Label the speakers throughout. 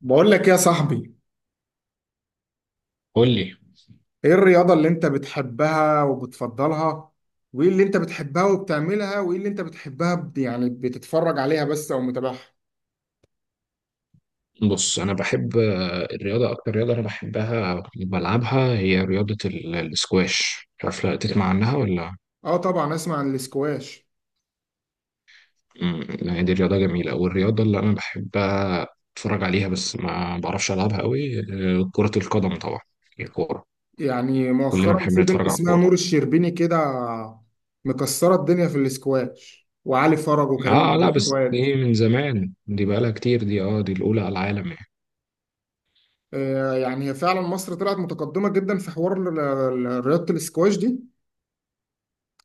Speaker 1: بقول لك يا صاحبي،
Speaker 2: قول لي.
Speaker 1: ايه الرياضة اللي انت بتحبها وبتفضلها؟ وايه اللي انت بتحبها وبتعملها وايه اللي انت بتحبها بتتفرج عليها بس او متابعها.
Speaker 2: بص، انا بحب الرياضه. اكتر رياضه انا بحبها أو بلعبها هي رياضه الاسكواش، مش عارف لا تسمع عنها ولا.
Speaker 1: اه طبعا اسمع عن الاسكواش.
Speaker 2: يعني دي رياضه جميله، والرياضه اللي انا بحبها اتفرج عليها بس ما بعرفش العبها قوي. كره القدم طبعا، الكوره.
Speaker 1: يعني
Speaker 2: كلنا
Speaker 1: مؤخرا
Speaker 2: بنحب
Speaker 1: في بنت
Speaker 2: نتفرج على
Speaker 1: اسمها
Speaker 2: الكوره.
Speaker 1: نور الشربيني كده مكسرة الدنيا في الاسكواش، وعلي فرج وكريم
Speaker 2: اه
Speaker 1: عبد
Speaker 2: لا، بس
Speaker 1: الجواد.
Speaker 2: دي من زمان، دي بقالها كتير، دي الاولى على العالم يعني.
Speaker 1: آه يعني هي فعلا مصر طلعت متقدمة جدا في حوار رياضة الاسكواش دي.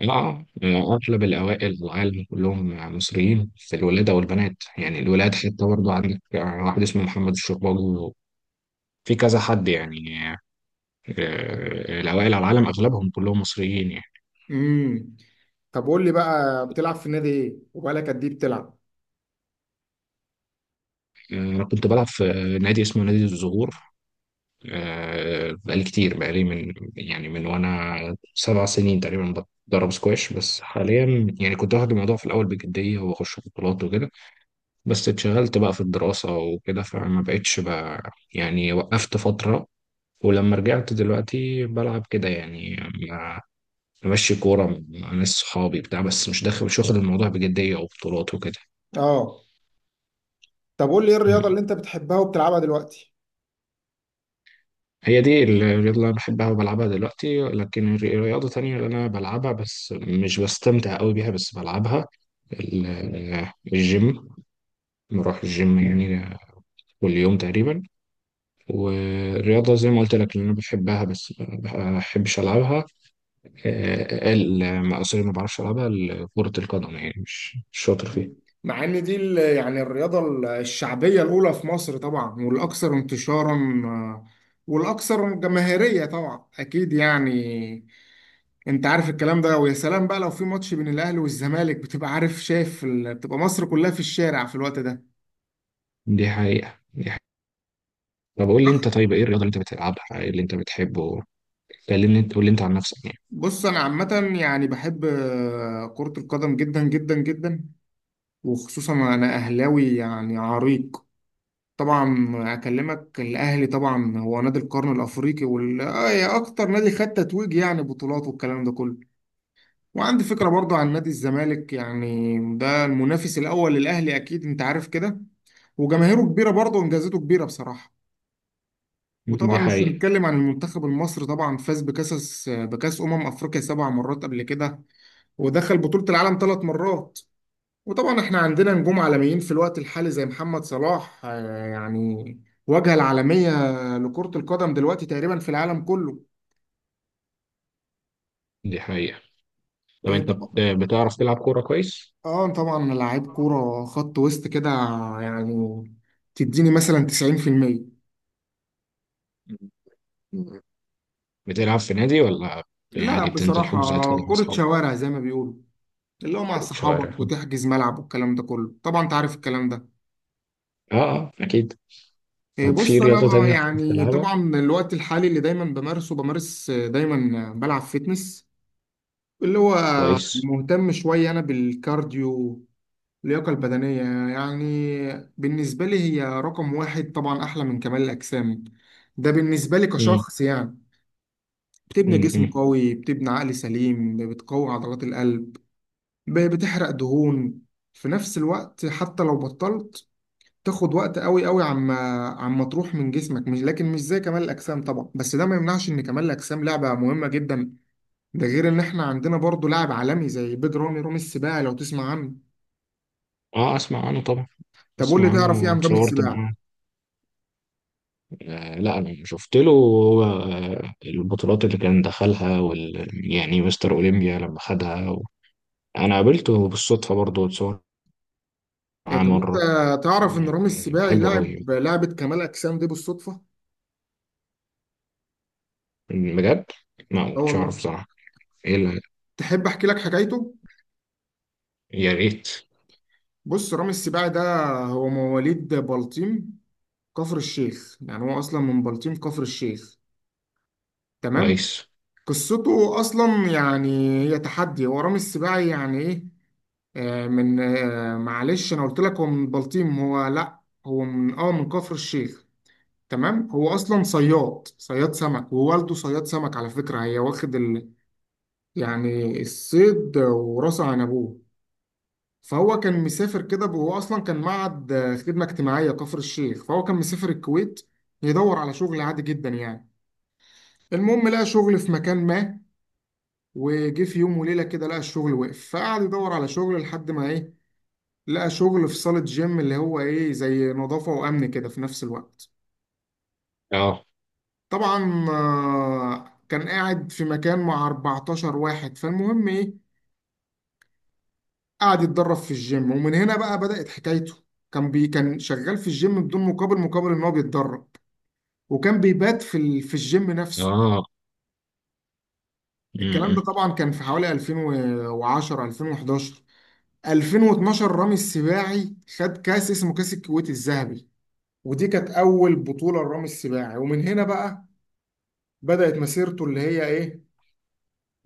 Speaker 2: اه. اغلب الاوائل في العالم كلهم مصريين، في الولادة والبنات يعني الولاد، حتى برضه عندك واحد اسمه محمد الشرباجي، في كذا حد يعني. الاوائل على العالم اغلبهم كلهم مصريين يعني.
Speaker 1: امم طب قول لي بقى، بتلعب في نادي ايه وبقالك قد ايه بتلعب؟
Speaker 2: انا كنت بلعب في نادي اسمه نادي الزهور. بقالي كتير، بقالي من وانا 7 سنين تقريبا بتدرب سكواش. بس حاليا يعني كنت واخد الموضوع في الاول بجدية واخش بطولات وكده، بس اتشغلت بقى في الدراسة وكده فما بقتش بقى يعني، وقفت فترة. ولما رجعت دلوقتي بلعب كده يعني، مع- بمشي كورة مع ناس صحابي بتاع، بس مش واخد الموضوع بجدية أو بطولات وكده.
Speaker 1: اه. طب قول لي ايه الرياضة
Speaker 2: مم.
Speaker 1: اللي انت بتحبها وبتلعبها دلوقتي؟
Speaker 2: هي دي الرياضة اللي أنا بحبها وبلعبها دلوقتي، لكن الرياضة تانية اللي أنا بلعبها بس مش بستمتع أوي بيها، بس بلعبها، الجيم. بروح الجيم يعني كل يوم تقريبا. والرياضة زي ما قلت لك اللي أنا بحبها بس ما بحبش ألعبها سوري، ما بعرفش العبها، كرة القدم يعني، مش شاطر فيها.
Speaker 1: مع ان دي الرياضة الشعبية الأولى في مصر طبعا، والأكثر انتشارا، والأكثر جماهيرية طبعا أكيد يعني. أنت عارف الكلام ده، ويا سلام بقى لو في ماتش بين الأهلي والزمالك، بتبقى عارف شايف بتبقى مصر كلها في الشارع في الوقت ده.
Speaker 2: دي حقيقة دي حقيقة. طب قول لي انت، طيب ايه الرياضة اللي انت بتلعبها، ايه اللي انت بتحبه؟ كلمني انت، قول لي انت عن نفسك يعني.
Speaker 1: بص، أنا عامة يعني بحب كرة القدم جدا جدا جدا، وخصوصا أنا أهلاوي يعني عريق. طبعا اكلمك الاهلي، طبعا هو نادي القرن الافريقي، وال آه، يا اكتر نادي خد تتويج يعني بطولات، والكلام ده كله. وعندي فكره برضو عن نادي الزمالك، يعني ده المنافس الاول للاهلي، اكيد انت عارف كده، وجماهيره كبيره برضو وانجازاته كبيره بصراحه. وطبعا
Speaker 2: دي
Speaker 1: مش
Speaker 2: حقيقة
Speaker 1: هنتكلم عن المنتخب المصري، طبعا فاز بكاس افريقيا 7 مرات قبل كده، ودخل بطوله العالم 3 مرات. وطبعا احنا عندنا نجوم عالميين في الوقت الحالي زي محمد صلاح، يعني واجهة العالمية لكرة القدم دلوقتي تقريبا في العالم كله.
Speaker 2: دي حقيقة. طب انت
Speaker 1: طبعا.
Speaker 2: بتعرف تلعب كورة كويس؟
Speaker 1: اه طبعا لعيب كورة خط وسط كده يعني، تديني مثلا 90%.
Speaker 2: بتلعب في نادي، ولا يعني
Speaker 1: لا
Speaker 2: عادي بتنزل
Speaker 1: بصراحة
Speaker 2: حجوزات كده مع
Speaker 1: كرة
Speaker 2: اصحابك؟
Speaker 1: شوارع زي ما بيقولوا، اللي هو مع
Speaker 2: كرة شوارع،
Speaker 1: صحابك
Speaker 2: اه.
Speaker 1: وتحجز ملعب، والكلام ده كله طبعا انت عارف الكلام ده.
Speaker 2: اه اكيد. طب في
Speaker 1: بص انا
Speaker 2: رياضة
Speaker 1: بقى
Speaker 2: تانية كنت
Speaker 1: يعني،
Speaker 2: بتلعبها
Speaker 1: طبعا الوقت الحالي اللي دايما بمارسه، بمارس آه، دايما آه، بلعب فيتنس، اللي هو
Speaker 2: كويس؟
Speaker 1: مهتم شوية أنا بالكارديو، اللياقة البدنية يعني. بالنسبة لي هي رقم واحد، طبعا أحلى من كمال الأجسام ده بالنسبة لي
Speaker 2: امم.
Speaker 1: كشخص يعني. بتبني جسم
Speaker 2: امم.
Speaker 1: قوي، بتبني عقل سليم، بتقوي عضلات القلب، بتحرق دهون في نفس الوقت، حتى لو بطلت تاخد وقت قوي قوي عما تروح من جسمك، مش لكن مش زي كمال الأجسام طبعا، بس ده ما يمنعش إن كمال الأجسام لعبة مهمة جدا. ده غير إن إحنا عندنا برضو لاعب عالمي زي بيج رامي السباعي، لو تسمع عنه.
Speaker 2: اه اسمع عنه طبعا.
Speaker 1: طب قول لي،
Speaker 2: اسمع
Speaker 1: تعرف ايه
Speaker 2: عنه،
Speaker 1: عن رامي
Speaker 2: اتصورت
Speaker 1: السباعي؟
Speaker 2: معاه. لا انا شفت له هو البطولات اللي كان دخلها، وال يعني مستر اولمبيا لما خدها و... انا قابلته بالصدفه برضه، اتصور
Speaker 1: إيه
Speaker 2: معاه
Speaker 1: طب انت
Speaker 2: مره.
Speaker 1: تعرف ان رامي
Speaker 2: يعني
Speaker 1: السباعي
Speaker 2: بحبه قوي
Speaker 1: لاعب لعبة كمال اجسام دي بالصدفة؟
Speaker 2: بجد، ما
Speaker 1: اه
Speaker 2: كنتش
Speaker 1: والله.
Speaker 2: اعرف صراحه. ايه اللي...
Speaker 1: تحب احكي لك حكايته؟
Speaker 2: يا ريت.
Speaker 1: بص رامي السباعي ده هو مواليد بلطيم كفر الشيخ، يعني هو اصلا من بلطيم كفر الشيخ. تمام؟
Speaker 2: كويس.
Speaker 1: قصته اصلا يعني هي تحدي. هو رامي السباعي يعني ايه؟ آه من آه معلش انا قلت لك هو من بلطيم، هو لا، هو من اه من كفر الشيخ. تمام. هو اصلا صياد، صياد سمك، ووالده صياد سمك على فكره، هي واخد يعني الصيد وراسه عن ابوه. فهو كان مسافر كده، هو اصلا كان معهد خدمه اجتماعيه كفر الشيخ، فهو كان مسافر الكويت يدور على شغل عادي جدا يعني. المهم لقى شغل في مكان ما، وجه في يوم وليله كده لقى الشغل وقف، فقعد يدور على شغل لحد ما ايه، لقى شغل في صاله جيم اللي هو ايه زي نظافه وامن كده في نفس الوقت.
Speaker 2: اه.
Speaker 1: طبعا كان قاعد في مكان مع 14 واحد. فالمهم ايه، قعد يتدرب في الجيم، ومن هنا بقى بدأت حكايته. كان شغال في الجيم بدون مقابل، مقابل ان هو بيتدرب، وكان بيبات في في الجيم نفسه.
Speaker 2: اه.
Speaker 1: الكلام ده
Speaker 2: م-
Speaker 1: طبعا كان في حوالي 2010، 2011، 2012 رامي السباعي خد كاس اسمه كاس الكويت الذهبي، ودي كانت اول بطولة لرامي السباعي، ومن هنا بقى بدأت مسيرته اللي هي ايه،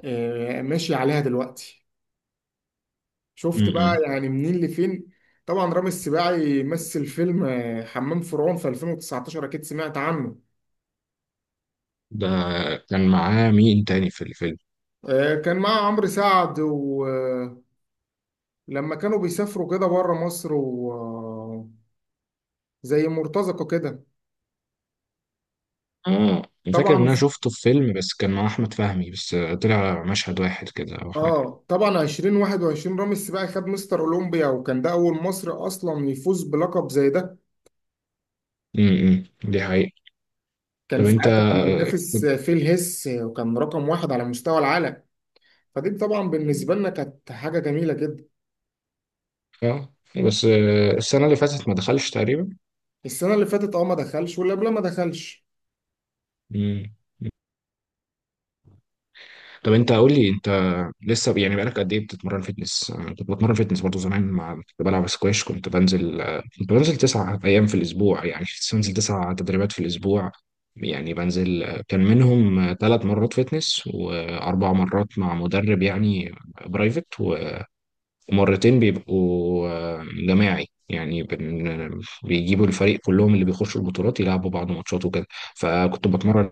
Speaker 1: ماشي عليها دلوقتي.
Speaker 2: م-
Speaker 1: شفت بقى
Speaker 2: م-
Speaker 1: يعني منين لفين. طبعا رامي السباعي مثل فيلم حمام فرعون في 2019، اكيد سمعت عنه.
Speaker 2: ده كان معاه مين تاني في الفيلم؟
Speaker 1: كان مع عمرو سعد، ولما كانوا بيسافروا كده بره مصر وزي مرتزقة كده.
Speaker 2: اه انا فاكر ان
Speaker 1: طبعا
Speaker 2: انا شفته في فيلم، بس كان مع احمد فهمي بس، طلع مشهد واحد كده او حاجه.
Speaker 1: اه طبعا 2021 رامي السباعي خد مستر اولمبيا، وكان ده اول مصري اصلا يفوز بلقب زي ده.
Speaker 2: م- م. دي حقيقة.
Speaker 1: كان
Speaker 2: طب انت.
Speaker 1: ساعتها كان بينافس فيه الهس، وكان رقم واحد على مستوى العالم. فدي طبعا بالنسبة لنا كانت حاجة جميلة جدا.
Speaker 2: اه بس السنة اللي فاتت ما دخلش تقريبا.
Speaker 1: السنة اللي فاتت اه ما دخلش، واللي قبلها ما دخلش.
Speaker 2: مم. طب انت قول لي انت، لسه يعني بقالك قد ايه بتتمرن فيتنس؟ انا كنت بتمرن فيتنس برضه زمان مع كنت بلعب سكواش، كنت بنزل كنت بنزل 9 ايام في الاسبوع، يعني كنت بنزل 9 تدريبات في الاسبوع. يعني بنزل، كان منهم 3 مرات فيتنس واربع مرات مع مدرب يعني، برايفت. ومرتين بيبقوا جماعي يعني، بيجيبوا الفريق كلهم اللي بيخشوا البطولات، يلعبوا بعض ماتشات وكده. فكنت بتمرن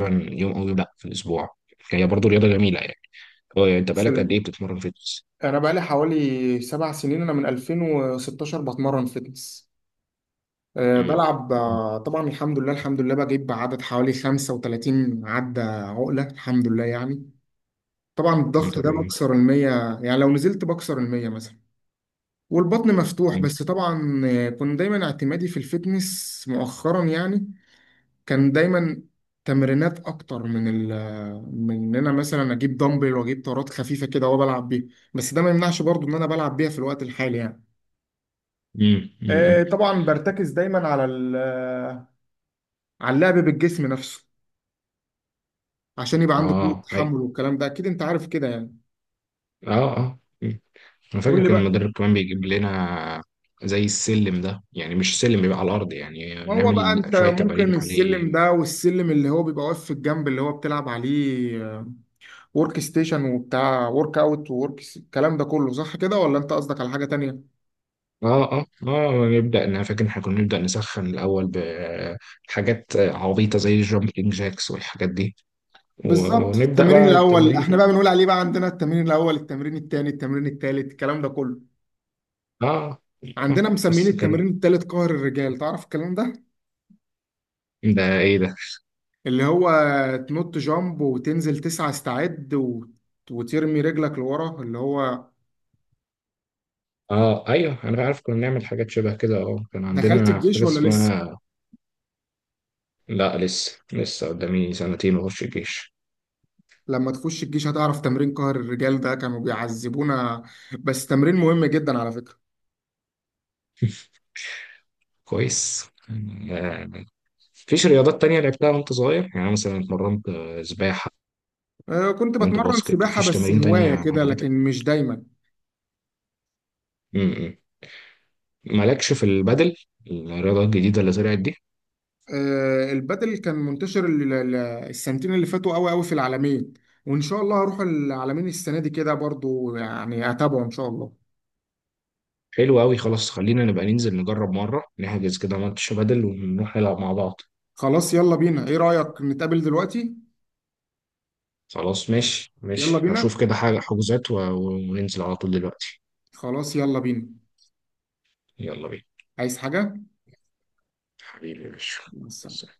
Speaker 2: يوم او يوم لا في الاسبوع. هي برضو رياضه جميله يعني. هو يعني انت
Speaker 1: بص،
Speaker 2: بقالك قد ايه بتتمرن فيتنس؟
Speaker 1: انا بقالي حوالي 7 سنين، انا من 2016 بتمرن فتنس. أه
Speaker 2: امم.
Speaker 1: بلعب طبعا الحمد لله، الحمد لله بجيب عدد حوالي 35 عدة عقلة الحمد لله يعني. طبعا الضغط
Speaker 2: انت
Speaker 1: ده
Speaker 2: رياضي.
Speaker 1: بكسر المية، يعني لو نزلت بكسر المية مثلا، والبطن مفتوح.
Speaker 2: مم.
Speaker 1: بس طبعا كنت دايما اعتمادي في الفتنس مؤخرا يعني، كان دايما تمرينات اكتر من ال من ان انا مثلا اجيب دمبل واجيب طارات خفيفه كده وبلعب بيها، بس ده ما يمنعش برضو ان انا بلعب بيها في الوقت الحالي يعني.
Speaker 2: مم. مم.
Speaker 1: طبعا برتكز دايما على على اللعب بالجسم نفسه، عشان يبقى عندك قوة
Speaker 2: اه أي.
Speaker 1: تحمل، والكلام ده اكيد انت عارف كده يعني.
Speaker 2: اه اه مم. انا فاكر
Speaker 1: قول لي
Speaker 2: كان
Speaker 1: بقى.
Speaker 2: المدرب كمان بيجيب لنا زي السلم ده، يعني مش سلم، بيبقى على الارض يعني،
Speaker 1: ما هو بقى
Speaker 2: نعمل
Speaker 1: انت
Speaker 2: شويه
Speaker 1: ممكن
Speaker 2: تمارين
Speaker 1: السلم
Speaker 2: عليه.
Speaker 1: ده، والسلم اللي هو بيبقى واقف في الجنب اللي هو بتلعب عليه ورك ستيشن، وبتاع ورك اوت وورك الكلام ده كله، صح كده ولا انت قصدك على حاجة تانية؟
Speaker 2: اه اه اه. نبدا، انا فاكر إن احنا كنا نبدا نسخن الاول بحاجات عبيطه زي الجامبلينج جاكس والحاجات دي.
Speaker 1: بالظبط.
Speaker 2: ونبدا بقى
Speaker 1: التمرين
Speaker 2: يا
Speaker 1: الاول احنا بقى بنقول عليه، بقى عندنا التمرين الاول، التمرين الثاني، التمرين الثالث، الكلام ده كله.
Speaker 2: اه.
Speaker 1: عندنا مسميين
Speaker 2: بس كانت
Speaker 1: التمرين الثالث قهر الرجال، تعرف الكلام ده؟
Speaker 2: ده ايه ده؟
Speaker 1: اللي هو تنط جامب وتنزل تسعة استعد وترمي رجلك لورا اللي هو.
Speaker 2: اه ايوه انا عارف، كنا نعمل حاجات شبه كده. اه كان
Speaker 1: دخلت
Speaker 2: عندنا
Speaker 1: الجيش
Speaker 2: حاجه
Speaker 1: ولا لسه؟
Speaker 2: اسمها. لا لسه، لسه قدامي سنتين واخش الجيش.
Speaker 1: لما تخش الجيش هتعرف تمرين قهر الرجال ده، كانوا بيعذبونا، بس تمرين مهم جدا على فكرة.
Speaker 2: كويس. آه، مفيش رياضات تانية لعبتها وانت صغير، يعني مثلا اتمرنت سباحة،
Speaker 1: كنت
Speaker 2: اتمرنت
Speaker 1: بتمرن
Speaker 2: باسكت،
Speaker 1: سباحة
Speaker 2: مفيش
Speaker 1: بس
Speaker 2: تمارين تانية
Speaker 1: هواية كده
Speaker 2: عجبتك؟
Speaker 1: لكن مش دايما.
Speaker 2: م. مالكش في البدل، الرياضة الجديدة اللي طلعت دي؟
Speaker 1: البادل كان منتشر السنتين اللي فاتوا قوي قوي في العالمين، وان شاء الله هروح العالمين السنه دي كده برضو، يعني اتابعه ان شاء الله.
Speaker 2: حلو أوي، خلاص خلينا نبقى ننزل نجرب مرة، نحجز كده ماتش بدل ونروح نلعب مع بعض.
Speaker 1: خلاص يلا بينا، ايه رايك نتقابل دلوقتي؟
Speaker 2: خلاص ماشي
Speaker 1: يلا
Speaker 2: ماشي،
Speaker 1: بينا.
Speaker 2: هشوف كده حاجة حجوزات وننزل على طول دلوقتي.
Speaker 1: خلاص يلا بينا.
Speaker 2: يلا بينا.
Speaker 1: عايز حاجه
Speaker 2: حبيبي يا باشا.
Speaker 1: بس.